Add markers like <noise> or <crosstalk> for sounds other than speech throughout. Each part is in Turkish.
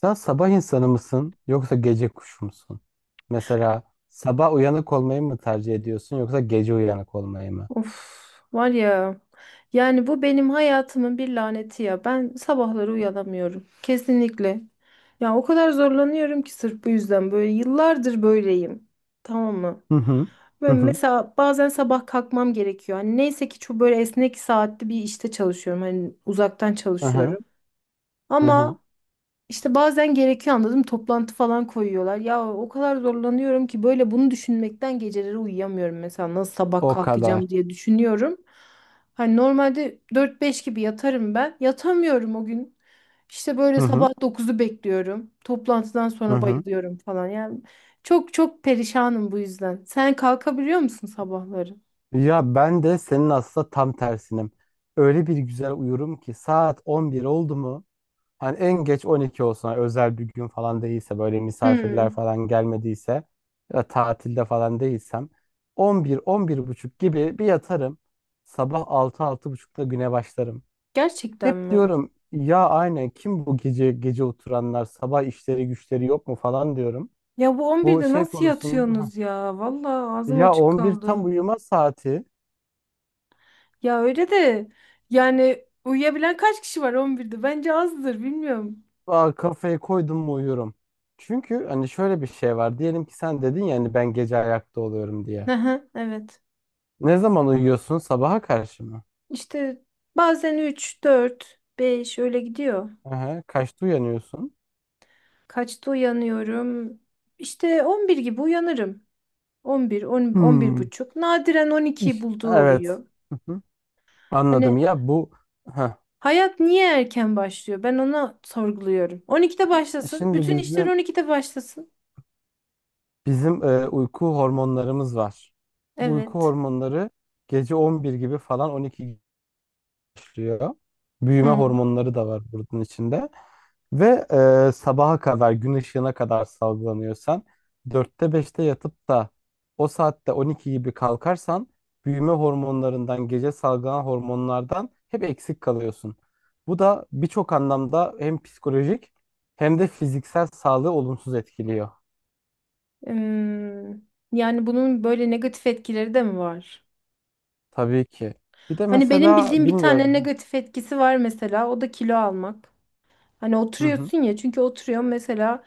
Sen sabah insanı mısın yoksa gece kuşu musun? Mesela sabah uyanık olmayı mı tercih ediyorsun yoksa gece uyanık olmayı mı? Of var ya, yani bu benim hayatımın bir laneti ya. Ben sabahları uyanamıyorum kesinlikle ya, o kadar zorlanıyorum ki. Sırf bu yüzden böyle yıllardır böyleyim, tamam mı? Hı hı. Hı Ve hı. mesela bazen sabah kalkmam gerekiyor. Hani neyse ki çok böyle esnek saatli bir işte çalışıyorum, hani uzaktan Hı hı. çalışıyorum Hı hı. ama işte bazen gerekiyor, anladım, toplantı falan koyuyorlar. Ya o kadar zorlanıyorum ki böyle, bunu düşünmekten geceleri uyuyamıyorum mesela, nasıl sabah O kadar. kalkacağım diye düşünüyorum. Hani normalde dört beş gibi yatarım ben. Yatamıyorum o gün. İşte Hı böyle hı. sabah dokuzu bekliyorum. Toplantıdan Hı sonra hı. bayılıyorum falan. Yani çok çok perişanım bu yüzden. Sen kalkabiliyor musun sabahları? Ya ben de senin aslında tam tersinim. Öyle bir güzel uyurum ki saat 11 oldu mu, hani en geç 12 olsun, hani özel bir gün falan değilse, böyle misafirler Hmm, falan gelmediyse ya da tatilde falan değilsem, 11, 11 buçuk gibi bir yatarım. Sabah 6, 6 buçukta güne başlarım. gerçekten Hep mi? diyorum ya, aynen kim bu gece gece oturanlar, sabah işleri güçleri yok mu falan diyorum. Ya bu on Bu birde şey nasıl konusunda. Hah, yatıyorsunuz ya? Vallahi ağzım ya açık 11 kaldı. tam uyuma saati. Ya öyle de, yani uyuyabilen kaç kişi var 11'de? Bence azdır, bilmiyorum. Aa, kafayı koydum mu uyuyorum. Çünkü hani şöyle bir şey var. Diyelim ki sen dedin ya, hani ben gece ayakta oluyorum diye. Aha, evet. Ne zaman uyuyorsun? Sabaha karşı mı? İşte bazen 3 4 5 öyle gidiyor. Aha, kaçta uyanıyorsun? Kaçta uyanıyorum? İşte 11 gibi uyanırım. On bir, on, on bir Hmm. buçuk. Nadiren 12 bulduğu Evet. oluyor. Hı hı. Hani Anladım. Ya bu. Heh. hayat niye erken başlıyor? Ben ona sorguluyorum. 12'de başlasın. Şimdi Bütün işler bizim 12'de başlasın. bizim uyku hormonlarımız var. Bu uyku Evet. hormonları gece 11 gibi falan, 12 başlıyor. Büyüme Hı. hormonları da var bunun içinde. Ve sabaha kadar, gün ışığına kadar salgılanıyorsan, dörtte beşte yatıp da o saatte 12 gibi kalkarsan, büyüme hormonlarından, gece salgılanan hormonlardan hep eksik kalıyorsun. Bu da birçok anlamda hem psikolojik hem de fiziksel sağlığı olumsuz etkiliyor. Yani bunun böyle negatif etkileri de mi var? Tabii ki. Bir de Hani benim mesela bildiğim bir tane bilmiyorum. negatif etkisi var mesela, o da kilo almak. Hani Hı hı. oturuyorsun ya, çünkü oturuyorum mesela,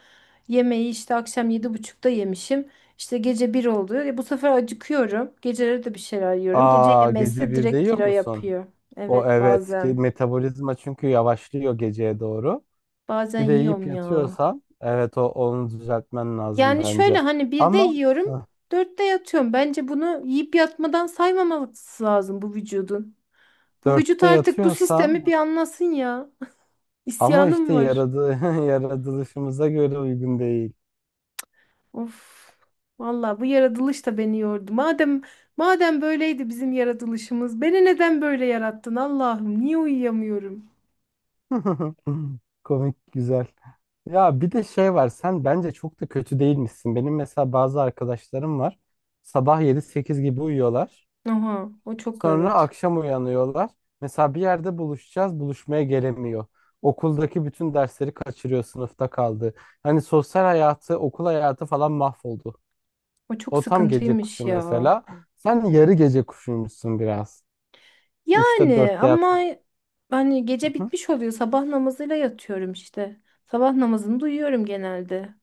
yemeği işte akşam 7:30 yemişim. İşte gece bir oldu. E bu sefer acıkıyorum. Geceleri de bir şeyler yiyorum. Gece Aa, gece yemesi birde direkt yiyor kilo musun? yapıyor. O Evet, evet ki bazen. metabolizma çünkü yavaşlıyor geceye doğru. Bazen Bir de yiyip yiyorum ya. yatıyorsan, evet, o onu düzeltmen lazım Yani şöyle, bence. hani birde Ama yiyorum, heh, dörtte yatıyorum. Bence bunu yiyip yatmadan saymaması lazım bu vücudun. Bu vücut dörtte artık bu sistemi yatıyorsan bir anlasın ya. <laughs> ama İsyanım işte var. yaradı, <laughs> yaratılışımıza göre uygun değil. Of. Vallahi bu yaratılış da beni yordu. Madem böyleydi bizim yaratılışımız, beni neden böyle yarattın Allah'ım? Niye uyuyamıyorum? <laughs> Komik, güzel. Ya bir de şey var, sen bence çok da kötü değilmişsin. Benim mesela bazı arkadaşlarım var. Sabah yedi sekiz gibi uyuyorlar. Aha, o çok, Sonra evet. akşam uyanıyorlar. Mesela bir yerde buluşacağız, buluşmaya gelemiyor. Okuldaki bütün dersleri kaçırıyor, sınıfta kaldı. Hani sosyal hayatı, okul hayatı falan mahvoldu. O çok O tam gece kuşu sıkıntıymış ya. mesela. Sen yarı gece kuşuymuşsun biraz. Üçte Yani dörtte ama, yatsın. hani gece Hı. bitmiş oluyor. Sabah namazıyla yatıyorum işte. Sabah namazını duyuyorum genelde.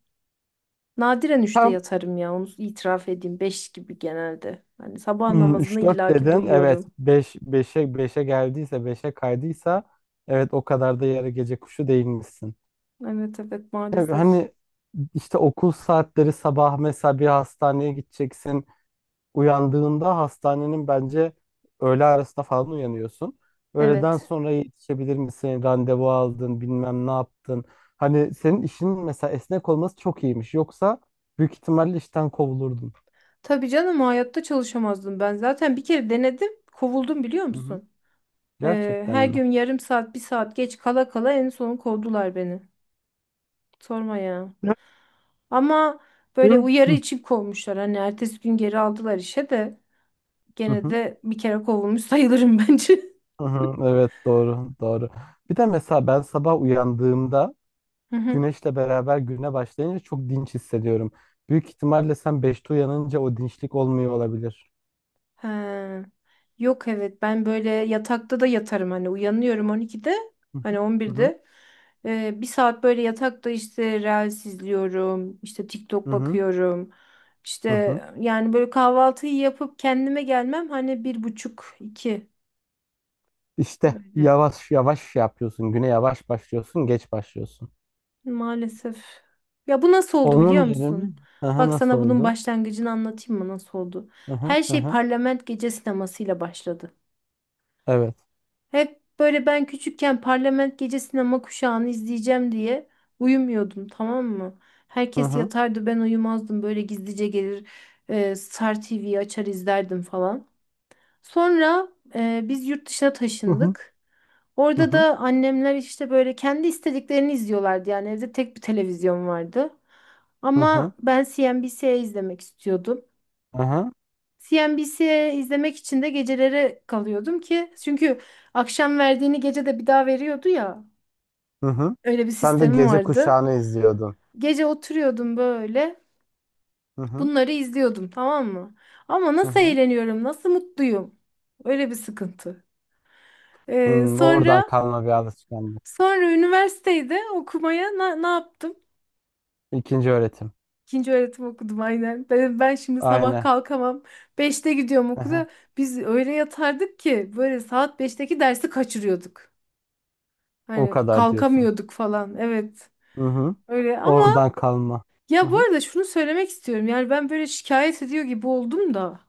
Nadiren üçte Tam yatarım ya. Onu itiraf edeyim. Beş gibi genelde. Hani sabah namazını üç dört illaki dedin. Evet. duyuyorum. Beş, beşe, beşe geldiyse, beşe kaydıysa, evet, o kadar da yarı gece kuşu değilmişsin. Evet evet, Evet, maalesef. hani işte okul saatleri sabah, mesela bir hastaneye gideceksin. Uyandığında hastanenin bence öğle arasında falan uyanıyorsun. Öğleden Evet. sonra yetişebilir misin? Randevu aldın, bilmem ne yaptın. Hani senin işin mesela esnek olması çok iyiymiş. Yoksa büyük ihtimalle işten kovulurdun. Tabii canım, hayatta çalışamazdım ben. Zaten bir kere denedim, kovuldum biliyor Hı hı. musun? Gerçekten Her mi? gün yarım saat, bir saat geç kala kala en son kovdular beni. Sorma ya. Hı Ama böyle hı. uyarı Hı için kovmuşlar. Hani ertesi gün geri aldılar işe de, gene hı. de bir kere kovulmuş sayılırım <laughs> bence. Hı hı. Evet, doğru doğru. Bir de mesela ben sabah uyandığımda <laughs> güneşle beraber güne başlayınca çok dinç hissediyorum. Büyük ihtimalle sen 5'te uyanınca o dinçlik olmuyor olabilir. Ha. Yok, evet, ben böyle yatakta da yatarım. Hani uyanıyorum 12'de, Hı hı. hani Hı hı. 11'de. Bir saat böyle yatakta işte Reels izliyorum, işte Hı TikTok hı. bakıyorum, işte Hı hı. yani böyle kahvaltıyı yapıp kendime gelmem hani bir buçuk iki. İşte Öyle, yavaş yavaş şey yapıyorsun. Güne yavaş başlıyorsun, geç başlıyorsun. maalesef. Ya bu nasıl oldu Onun biliyor yerine, musun? hı, Bak, nasıl sana bunun oldu? başlangıcını anlatayım mı nasıl oldu? Hı hı. Her şey Parlament Gece sinemasıyla başladı. Evet. Hep böyle ben küçükken parlament gece sinema kuşağını izleyeceğim diye uyumuyordum, tamam mı? Hı Herkes hı, yatardı, ben uyumazdım, böyle gizlice gelir, Star TV'yi açar izlerdim falan. Sonra biz yurt dışına hı hı, taşındık. hı Orada hı. da annemler işte böyle kendi istediklerini izliyorlardı, yani evde tek bir televizyon vardı. Ama ben CNBC izlemek istiyordum. CNBC izlemek için de gecelere kalıyordum ki, çünkü akşam verdiğini gece de bir daha veriyordu ya. Öyle bir Sen de sistemi gece vardı. kuşağını izliyordun. Gece oturuyordum böyle. Hı hı, Bunları izliyordum, tamam mı? Ama hı nasıl hı. eğleniyorum, nasıl mutluyum. Öyle bir sıkıntı. Ee, Hmm, oradan sonra kalma bir alışkanlık. sonra üniversitede okumaya ne yaptım? İkinci öğretim. İkinci öğretim okudum aynen. Ben şimdi sabah Aynen. kalkamam. Beşte gidiyorum Hı. okula. Biz öyle yatardık ki böyle saat beşteki dersi kaçırıyorduk. O Hani kadar diyorsun. kalkamıyorduk falan. Evet. Hı hı. Öyle, ama Oradan kalma. ya Hı bu hı, arada şunu söylemek istiyorum. Yani ben böyle şikayet ediyor gibi oldum da.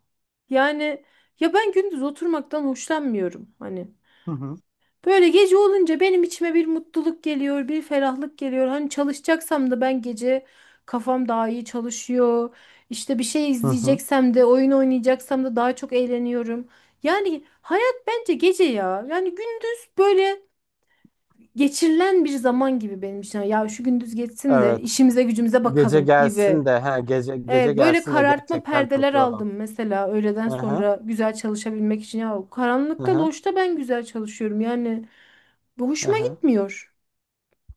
Yani ya, ben gündüz oturmaktan hoşlanmıyorum. Hani hı hı, böyle gece olunca benim içime bir mutluluk geliyor, bir ferahlık geliyor. Hani çalışacaksam da ben gece kafam daha iyi çalışıyor. İşte bir şey hı hı. izleyeceksem de, oyun oynayacaksam da daha çok eğleniyorum. Yani hayat bence gece ya. Yani gündüz böyle geçirilen bir zaman gibi benim için. Ya şu gündüz geçsin de Evet. işimize gücümüze Gece bakalım gibi. gelsin de, ha, gece gece Evet, böyle gelsin de karartma gerçekten perdeler takılalım. aldım mesela öğleden Aha, sonra güzel çalışabilmek için. Ya, karanlıkta, aha, loşta ben güzel çalışıyorum yani, bu hoşuma aha. gitmiyor.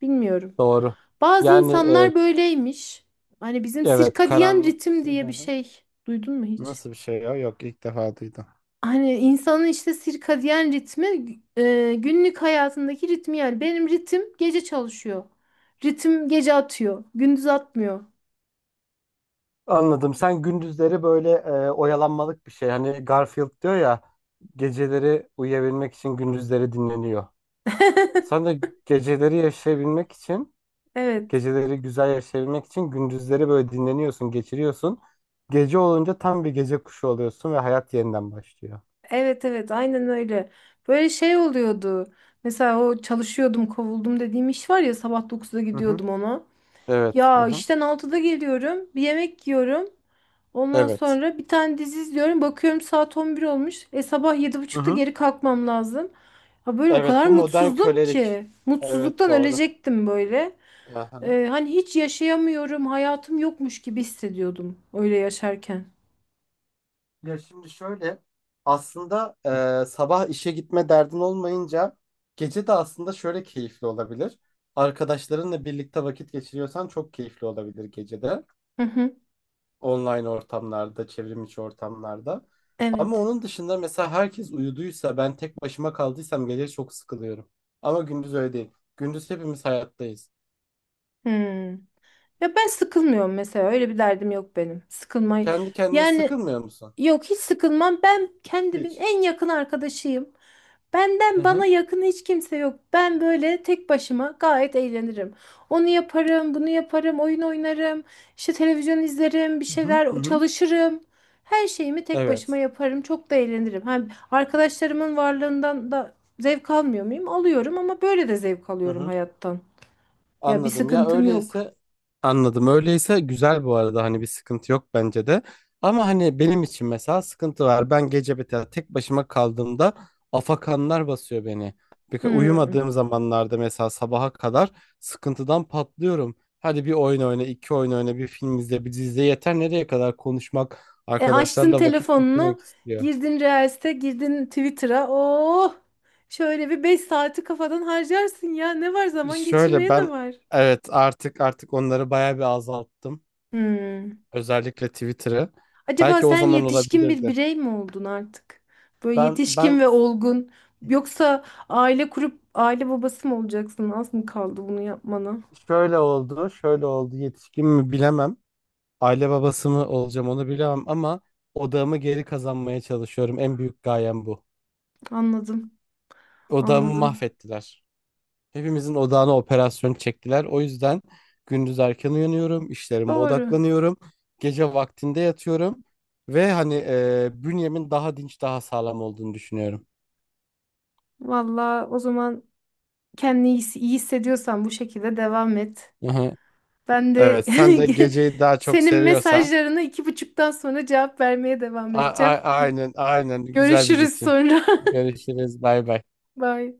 Bilmiyorum. Doğru. Bazı Yani insanlar böyleymiş. Hani bizim evet, sirkadiyen karanlık ritim için, diye bir aha. şey duydun mu hiç? Nasıl bir şey ya? Yok, ilk defa duydum. Hani insanın işte sirkadiyen ritmi, günlük hayatındaki ritmi, yani benim ritim gece çalışıyor. Ritim gece atıyor. Gündüz atmıyor. Anladım. Sen gündüzleri böyle oyalanmalık bir şey. Hani Garfield diyor ya, geceleri uyuyabilmek için gündüzleri dinleniyor. Sen <laughs> de geceleri yaşayabilmek için, Evet. geceleri güzel yaşayabilmek için gündüzleri böyle dinleniyorsun, geçiriyorsun. Gece olunca tam bir gece kuşu oluyorsun ve hayat yeniden başlıyor. Evet evet, aynen öyle. Böyle şey oluyordu. Mesela o çalışıyordum kovuldum dediğim iş var ya, sabah dokuzda Hı hı. gidiyordum ona. Evet. Hı Ya hı. işten altıda geliyorum, bir yemek yiyorum. Ondan Evet. sonra bir tane dizi izliyorum. Bakıyorum saat 11 olmuş. E sabah yedi Hı buçukta hı. geri kalkmam lazım. Ha, böyle o Evet, kadar bu modern mutsuzdum kölelik. ki. Evet, Mutsuzluktan doğru. ölecektim böyle. Aha. E hani hiç yaşayamıyorum. Hayatım yokmuş gibi hissediyordum öyle yaşarken. Ya şimdi şöyle, aslında sabah işe gitme derdin olmayınca, gece de aslında şöyle keyifli olabilir. Arkadaşlarınla birlikte vakit geçiriyorsan çok keyifli olabilir gecede. Hı hı. Online ortamlarda, çevrim içi ortamlarda. Ama Evet. onun dışında, mesela herkes uyuduysa, ben tek başıma kaldıysam, gece çok sıkılıyorum. Ama gündüz öyle değil. Gündüz hepimiz hayattayız. Hmm. Ya ben sıkılmıyorum mesela. Öyle bir derdim yok benim. Sıkılmayı. Kendi kendine Yani, sıkılmıyor musun? yok, hiç sıkılmam. Ben kendimin Hiç. en yakın arkadaşıyım. Hı Benden hı. bana yakın hiç kimse yok. Ben böyle tek başıma gayet eğlenirim. Onu yaparım, bunu yaparım, oyun oynarım, işte televizyon izlerim, bir Hı hı. Hı şeyler hı. çalışırım. Her şeyimi tek Evet. başıma yaparım. Çok da eğlenirim. Hem arkadaşlarımın varlığından da zevk almıyor muyum? Alıyorum, ama böyle de zevk Hı alıyorum hı. hayattan. Ya bir Anladım. Ya sıkıntım yok. öyleyse, anladım. Öyleyse güzel, bu arada hani bir sıkıntı yok bence de. Ama hani benim için mesela sıkıntı var. Ben gece mesela tek başıma kaldığımda afakanlar basıyor beni. Bir, Hmm. uyumadığım zamanlarda mesela sabaha kadar sıkıntıdan patlıyorum. Hadi bir oyun oyna, iki oyun oyna, bir film izle, bir dizi izle, yeter. Nereye kadar konuşmak, E, açtın arkadaşlarla vakit geçirmek telefonunu, istiyor. girdin Reels'e, girdin Twitter'a. Oh! Şöyle bir 5 saati kafadan harcarsın ya. Ne var zaman Şöyle, geçirmeye, ne ben, var? evet, artık onları bayağı bir azalttım. Hmm. Özellikle Twitter'ı. Acaba Belki o sen zaman yetişkin bir olabilirdi. birey mi oldun artık? Böyle Ben yetişkin ben ve olgun. Yoksa aile kurup aile babası mı olacaksın? Az mı kaldı bunu yapmana? şöyle oldu, şöyle oldu. Yetişkin mi, bilemem. Aile babası mı olacağım onu bilemem ama odağımı geri kazanmaya çalışıyorum. En büyük gayem bu. Anladım, Odağımı anladım. mahvettiler. Hepimizin odağına operasyon çektiler. O yüzden gündüz erken uyanıyorum, işlerime Doğru. odaklanıyorum. Gece vaktinde yatıyorum ve hani bünyemin daha dinç, daha sağlam olduğunu düşünüyorum. Valla o zaman kendini iyi iyi hissediyorsan bu şekilde devam et. Aha. Ben de Evet, sen de <laughs> geceyi daha çok senin seviyorsan mesajlarına 2:30 sonra cevap vermeye devam edeceğim. aynen, aynen, güzel bir Görüşürüz rutin. sonra. Görüşürüz, bay bay. <laughs> Bye.